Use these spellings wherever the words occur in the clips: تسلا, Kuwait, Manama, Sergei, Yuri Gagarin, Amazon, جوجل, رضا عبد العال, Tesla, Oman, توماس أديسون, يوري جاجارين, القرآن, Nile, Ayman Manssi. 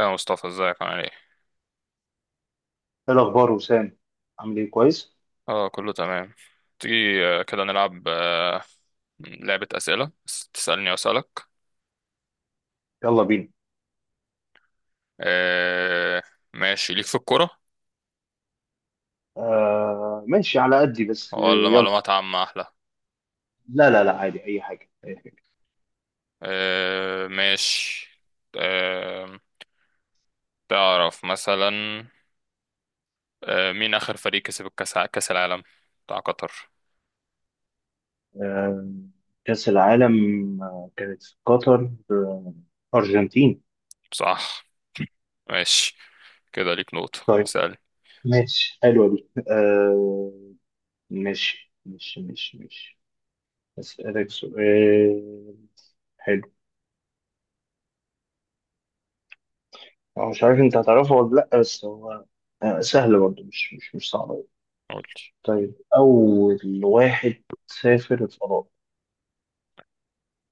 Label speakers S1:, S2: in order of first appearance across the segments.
S1: يا مصطفى ازيك عامل ايه؟
S2: ايه الاخبار وسام؟ عامل ايه؟ كويس.
S1: اه، كله تمام. تيجي كده نلعب لعبة أسئلة بس تسألني وأسألك.
S2: يلا بينا.
S1: آه، ماشي، ليك في الكورة
S2: آه ماشي على قدي بس
S1: ولا
S2: يلا.
S1: معلومات عامة أحلى؟
S2: لا لا لا، عادي اي حاجه، أي حاجة.
S1: ماشي. آه، تعرف مثلا مين آخر فريق كسب الكأس، كأس العالم بتاع قطر؟
S2: آه، كاس العالم كانت في قطر، ارجنتين.
S1: صح. ماشي كده، ليك نقطة.
S2: طيب
S1: اسألني.
S2: ماشي، حلوه دي. ماشي ماشي ماشي ماشي. اسالك سؤال حلو، أو مش عارف انت هتعرفه ولا لا، بس هو سهل برضه، مش صعب أوي.
S1: قولي.
S2: طيب، اول واحد سافر الفضاء.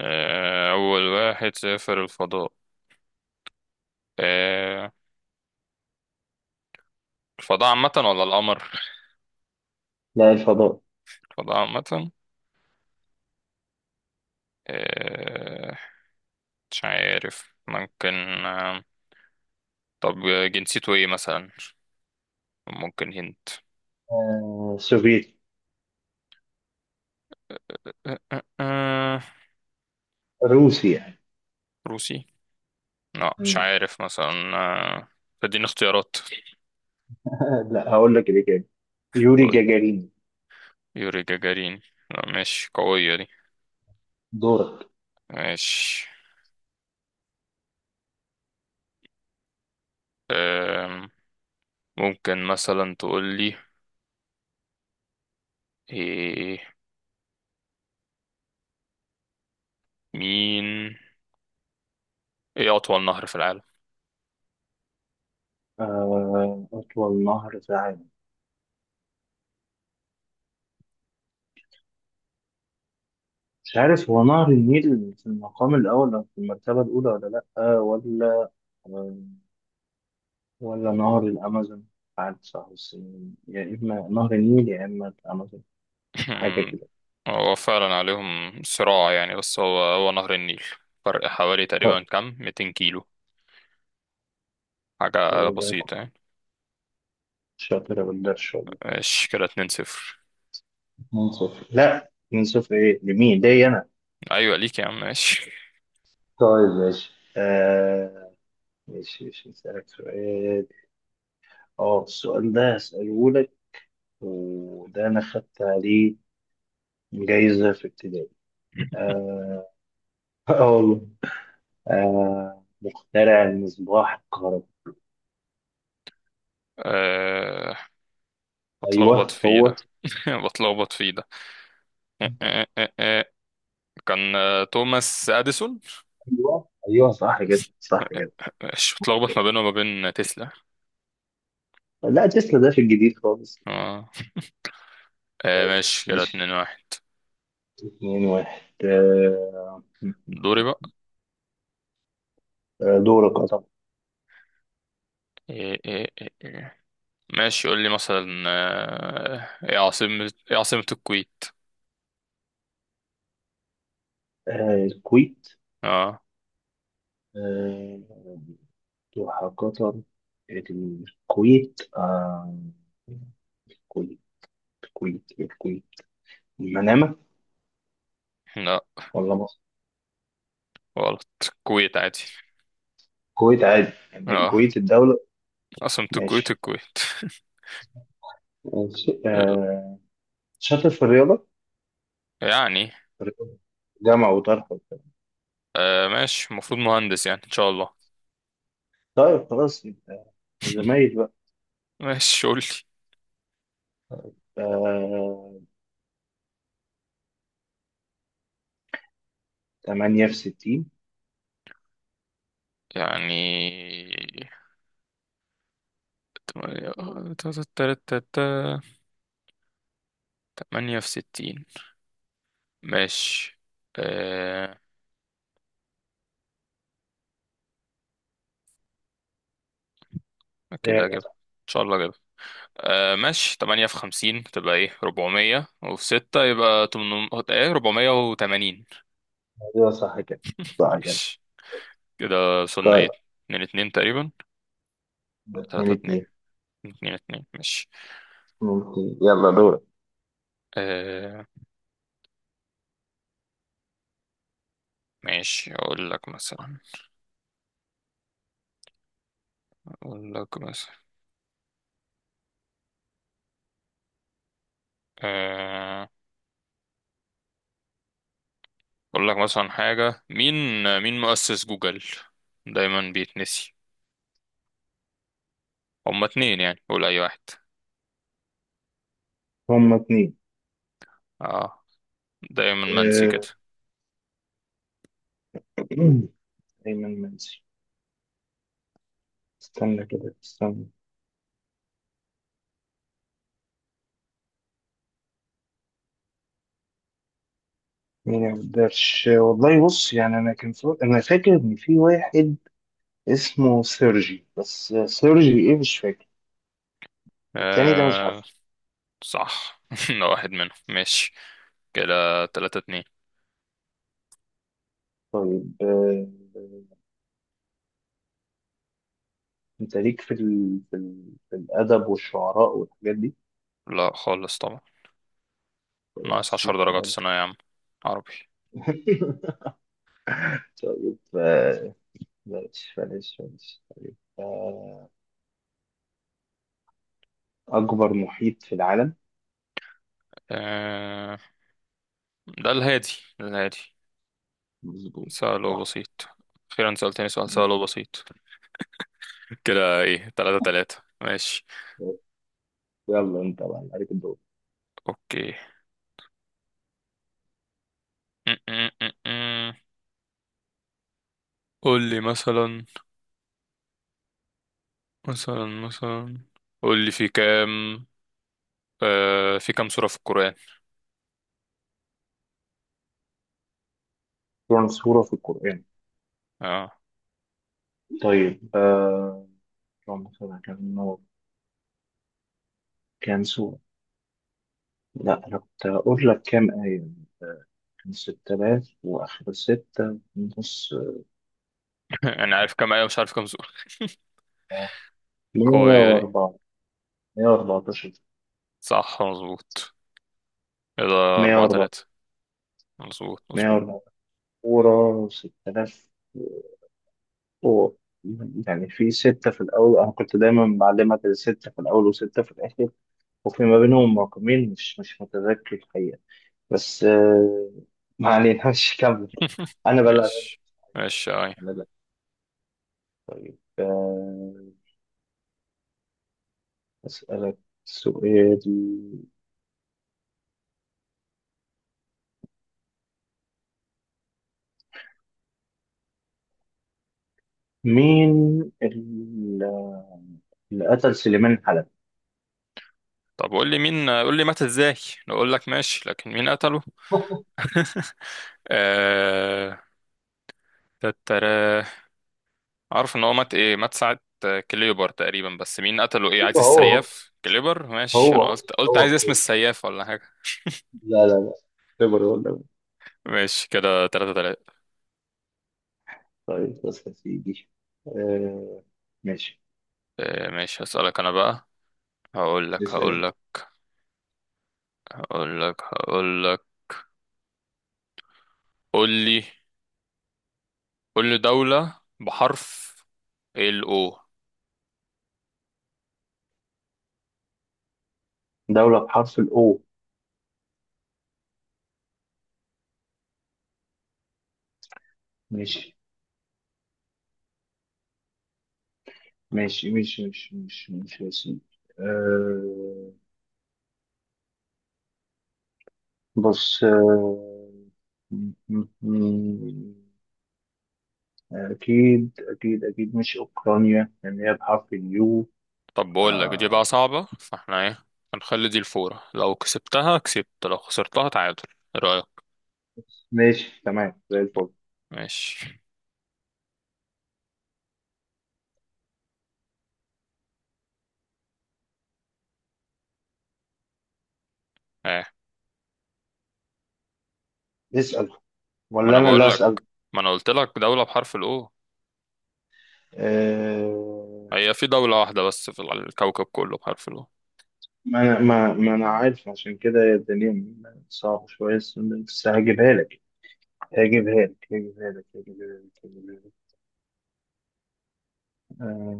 S1: أول واحد سافر الفضاء. آه، الفضاء عامة ولا القمر؟
S2: لا، الفضاء.
S1: الفضاء عامة. آه، مش عارف، ممكن. آه، طب، جنسيته ايه مثلا؟ ممكن هنت.
S2: سوفيتي،
S1: آه، آه، آه،
S2: روسي يعني.
S1: روسي؟ لا مش
S2: مم.
S1: عارف مثلا. اديني اختيارات.
S2: لا هقول لك الإجابة، يوري
S1: قول.
S2: جاجارين.
S1: يوري جاجارين. لا ماشي، قوية دي.
S2: دورك.
S1: ماشي. آم، ممكن مثلا تقول لي، إيه، مين، ايه أطول نهر في العالم؟
S2: أطول نهر في العالم؟ مش عارف، هو نهر النيل في المقام الأول أو في المرتبة الأولى ولا لأ، ولا آه، ولا نهر الأمازون. عارف صح بس، يا إما نهر النيل يا إما الأمازون، حاجة كده.
S1: هو فعلا عليهم صراع يعني، بس هو نهر النيل. فرق حوالي
S2: طيب،
S1: تقريبا كام؟ 200 كيلو،
S2: طب
S1: حاجة
S2: والله كنت
S1: بسيطة يعني.
S2: شاطر، بالله إن شاء الله.
S1: ماشي كده، اتنين صفر.
S2: من صفر؟ لا من صفر إيه؟ لمين، ليا أنا؟
S1: أيوة ليك يا عم، ماشي.
S2: طيب ماشي. آه، ماشي ماشي، هسألك سؤال. اه، السؤال ده هسأله لك، وده أنا خدت عليه جايزة في ابتدائي. اه، آه والله. آه، مخترع المصباح الكهربائي.
S1: أه، بتلخبط
S2: أيوه
S1: فيه
S2: هو.
S1: ده. بتلخبط فيه ده. أه أه أه أه. كان توماس أديسون.
S2: أيوه أيوه، صح كده،
S1: أه
S2: صح
S1: أه.
S2: كده.
S1: أه. ماشي، بتلخبط ما بينه وما بين تسلا.
S2: لا، تسلا ده في الجديد خالص.
S1: اه. ماشي كده،
S2: ماشي،
S1: اتنين واحد.
S2: اتنين واحد آه.
S1: دوري بقى.
S2: دورك، اه طبعا.
S1: إيه إيه إيه إيه. ماشي، قول لي مثلا، ايه عاصمة الكويت؟
S2: آه، الكويت.
S1: اه.
S2: آه، وحقيقة الكويت، الكويت الكويت الكويت، المنامة،
S1: لا،
S2: ولا مصر؟
S1: غلط. الكويت عادي.
S2: الكويت عادي، يعني
S1: اه،
S2: الكويت الدولة؟
S1: عاصمة الكويت
S2: ماشي،
S1: الكويت.
S2: ماشي آه. شاطر في الرياضة؟
S1: يعني.
S2: الرياضة، جامعة وطرح وبتاع.
S1: ماشي، المفروض مهندس يعني ان شاء الله.
S2: طيب خلاص، يبقى زمايل بقى.
S1: ماشي، قول لي.
S2: آه، 8 في 60.
S1: يعني تمانية، تا- تا- تا- تا- تا- تمانية في 60. ماشي. آه كده
S2: ايوه.
S1: اجيبها ان شاء الله، اجيبها. ماشي، تمانية في 50 تبقى ايه، 400، وفي ستة يبقى تمن ايه، 480.
S2: أيوة، صح كده، صح كده.
S1: ماشي كده، وصلنا ايه؟
S2: طيب،
S1: اتنين اتنين تقريبا ولا
S2: اتنين
S1: تلاتة اتنين؟
S2: اتنين.
S1: اتنين اتنين. ماشي.
S2: ممكن، يلا دورك.
S1: آه ماشي، اقول لك مثلا آه، اقول لك مثلا حاجة، مين مؤسس جوجل؟ دايما بيتنسي. هما اتنين يعني، قول اي واحد.
S2: هما اتنين.
S1: اه، دايما منسي
S2: آه،
S1: كده.
S2: أيمن منسي. استنى كده استنى، مين يا قدرش، والله بص، يعني انا انا فاكر ان في واحد اسمه سيرجي، بس سيرجي ايه مش فاكر، التاني ده مش
S1: آه
S2: عارفه.
S1: صح. ده واحد منهم. ماشي كده، تلاتة اتنين.
S2: طيب، انت ليك في في الادب والشعراء والحاجات دي؟
S1: لا خالص طبعا، ناقص
S2: خلاص،
S1: عشر
S2: يبقى
S1: درجات في
S2: بلاش.
S1: ثانوية عامة عربي.
S2: طيب، بلاش. طيب، اكبر محيط في العالم؟
S1: آه ده الهادي، ده الهادي.
S2: مظبوط،
S1: سؤال
S2: صح.
S1: بسيط، أخيرا سألتني سؤال سهل
S2: ماشي.
S1: وبسيط. كده ايه، تلاتة تلاتة. ماشي.
S2: طيب، يلا انت بقى عليك الدور.
S1: اوكي. قول لي مثلا، مثلا مثلا قول لي في كام سورة في القرآن؟
S2: كم سورة في القرآن؟
S1: اه.
S2: طيب آه، اللهم صل على النور. كان سورة، لا أنا كنت هقول لك كام آية، كان ستة آلاف وآخر ستة ونص.
S1: انا عارف كام آية مش عارف كام سورة.
S2: آه، مية
S1: قوية دي.
S2: وأربعة. مية وأربعتاشر.
S1: صح مظبوط. كده،
S2: مية
S1: أربعة
S2: وأربعة.
S1: تلاتة. مظبوط
S2: مية
S1: مظبوط.
S2: وأربعة سورة، ستة آلاف و- يعني في ستة في الأول، أنا كنت دايما بعلمك الستة في الأول وستة في الآخر، وفي ما بينهم رقمين مش مش متذكر الحقيقة. بس ما علينا. مش كمل، أنا بلعب.
S1: ماشي ماشي، أي.
S2: طيب، أسألك سؤال، مين ال- اللي قتل سليمان حلب؟
S1: طب قول لي مات ازاي. اقول لك ماشي، لكن مين قتله؟ آه... تتراه. عارف ان هو مات، ايه، مات ساعة كليبر تقريبا، بس مين قتله، ايه، عايز
S2: هو،
S1: السياف كليبر ماشي؟ انا
S2: هو
S1: قلت
S2: هو
S1: عايز اسم
S2: كويس.
S1: السياف ولا حاجة.
S2: لا لا، اعتبر ولا.
S1: ماشي كده، تلاتة تلاتة.
S2: طيب بس يا سيدي، آه ماشي.
S1: ماشي، هسألك أنا بقى. هقول لك
S2: اسأل
S1: هقول
S2: انت.
S1: لك هقول لك. قول لي قول لي دولة بحرف ال O.
S2: دولة بحرف الأو؟ ماشي، يا سيدي. آه، بص آه، أكيد مش أوكرانيا، لأن هي بحرف اليو.
S1: طب بقول لك، دي بقى
S2: آه
S1: صعبة، فاحنا ايه، هنخلي دي الفورة، لو كسبتها كسبت، لو خسرتها تعادل. ايه رأيك؟
S2: ماشي، تمام زي الفل.
S1: ماشي. ايه؟
S2: اسأل،
S1: ما
S2: ولا
S1: انا
S2: أنا اللي
S1: بقول لك،
S2: أسأل؟
S1: ما انا قلت لك دولة بحرف ال O.
S2: آه،
S1: هي في دولة واحدة بس في الكوكب كله بحرف ال O.
S2: ما أنا عارف، عشان كده هي الدنيا صعبة شوية، بس بس هجيبها لك هجيبها لك. آه.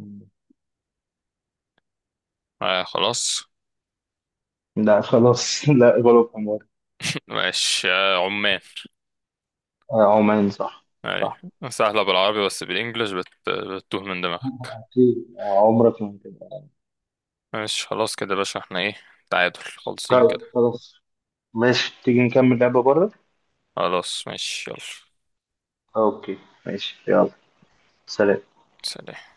S1: اه، خلاص.
S2: لا خلاص، لا غلط، عمر.
S1: ماشي. عمان.
S2: آه، عمان، صح.
S1: اي.
S2: صح.
S1: سهلة بالعربي بس بالانجلش بتتوه من دماغك.
S2: أكيد آه، عمرك ما هتبقى.
S1: ماشي خلاص، كده يا باشا، احنا ايه؟ تعادل خالصين
S2: طيب
S1: كده.
S2: خلاص، ماشي، تيجي نكمل لعبة بره.
S1: خلاص ماشي، يلا،
S2: اوكي، ماشي، يلا. سلام.
S1: سلام.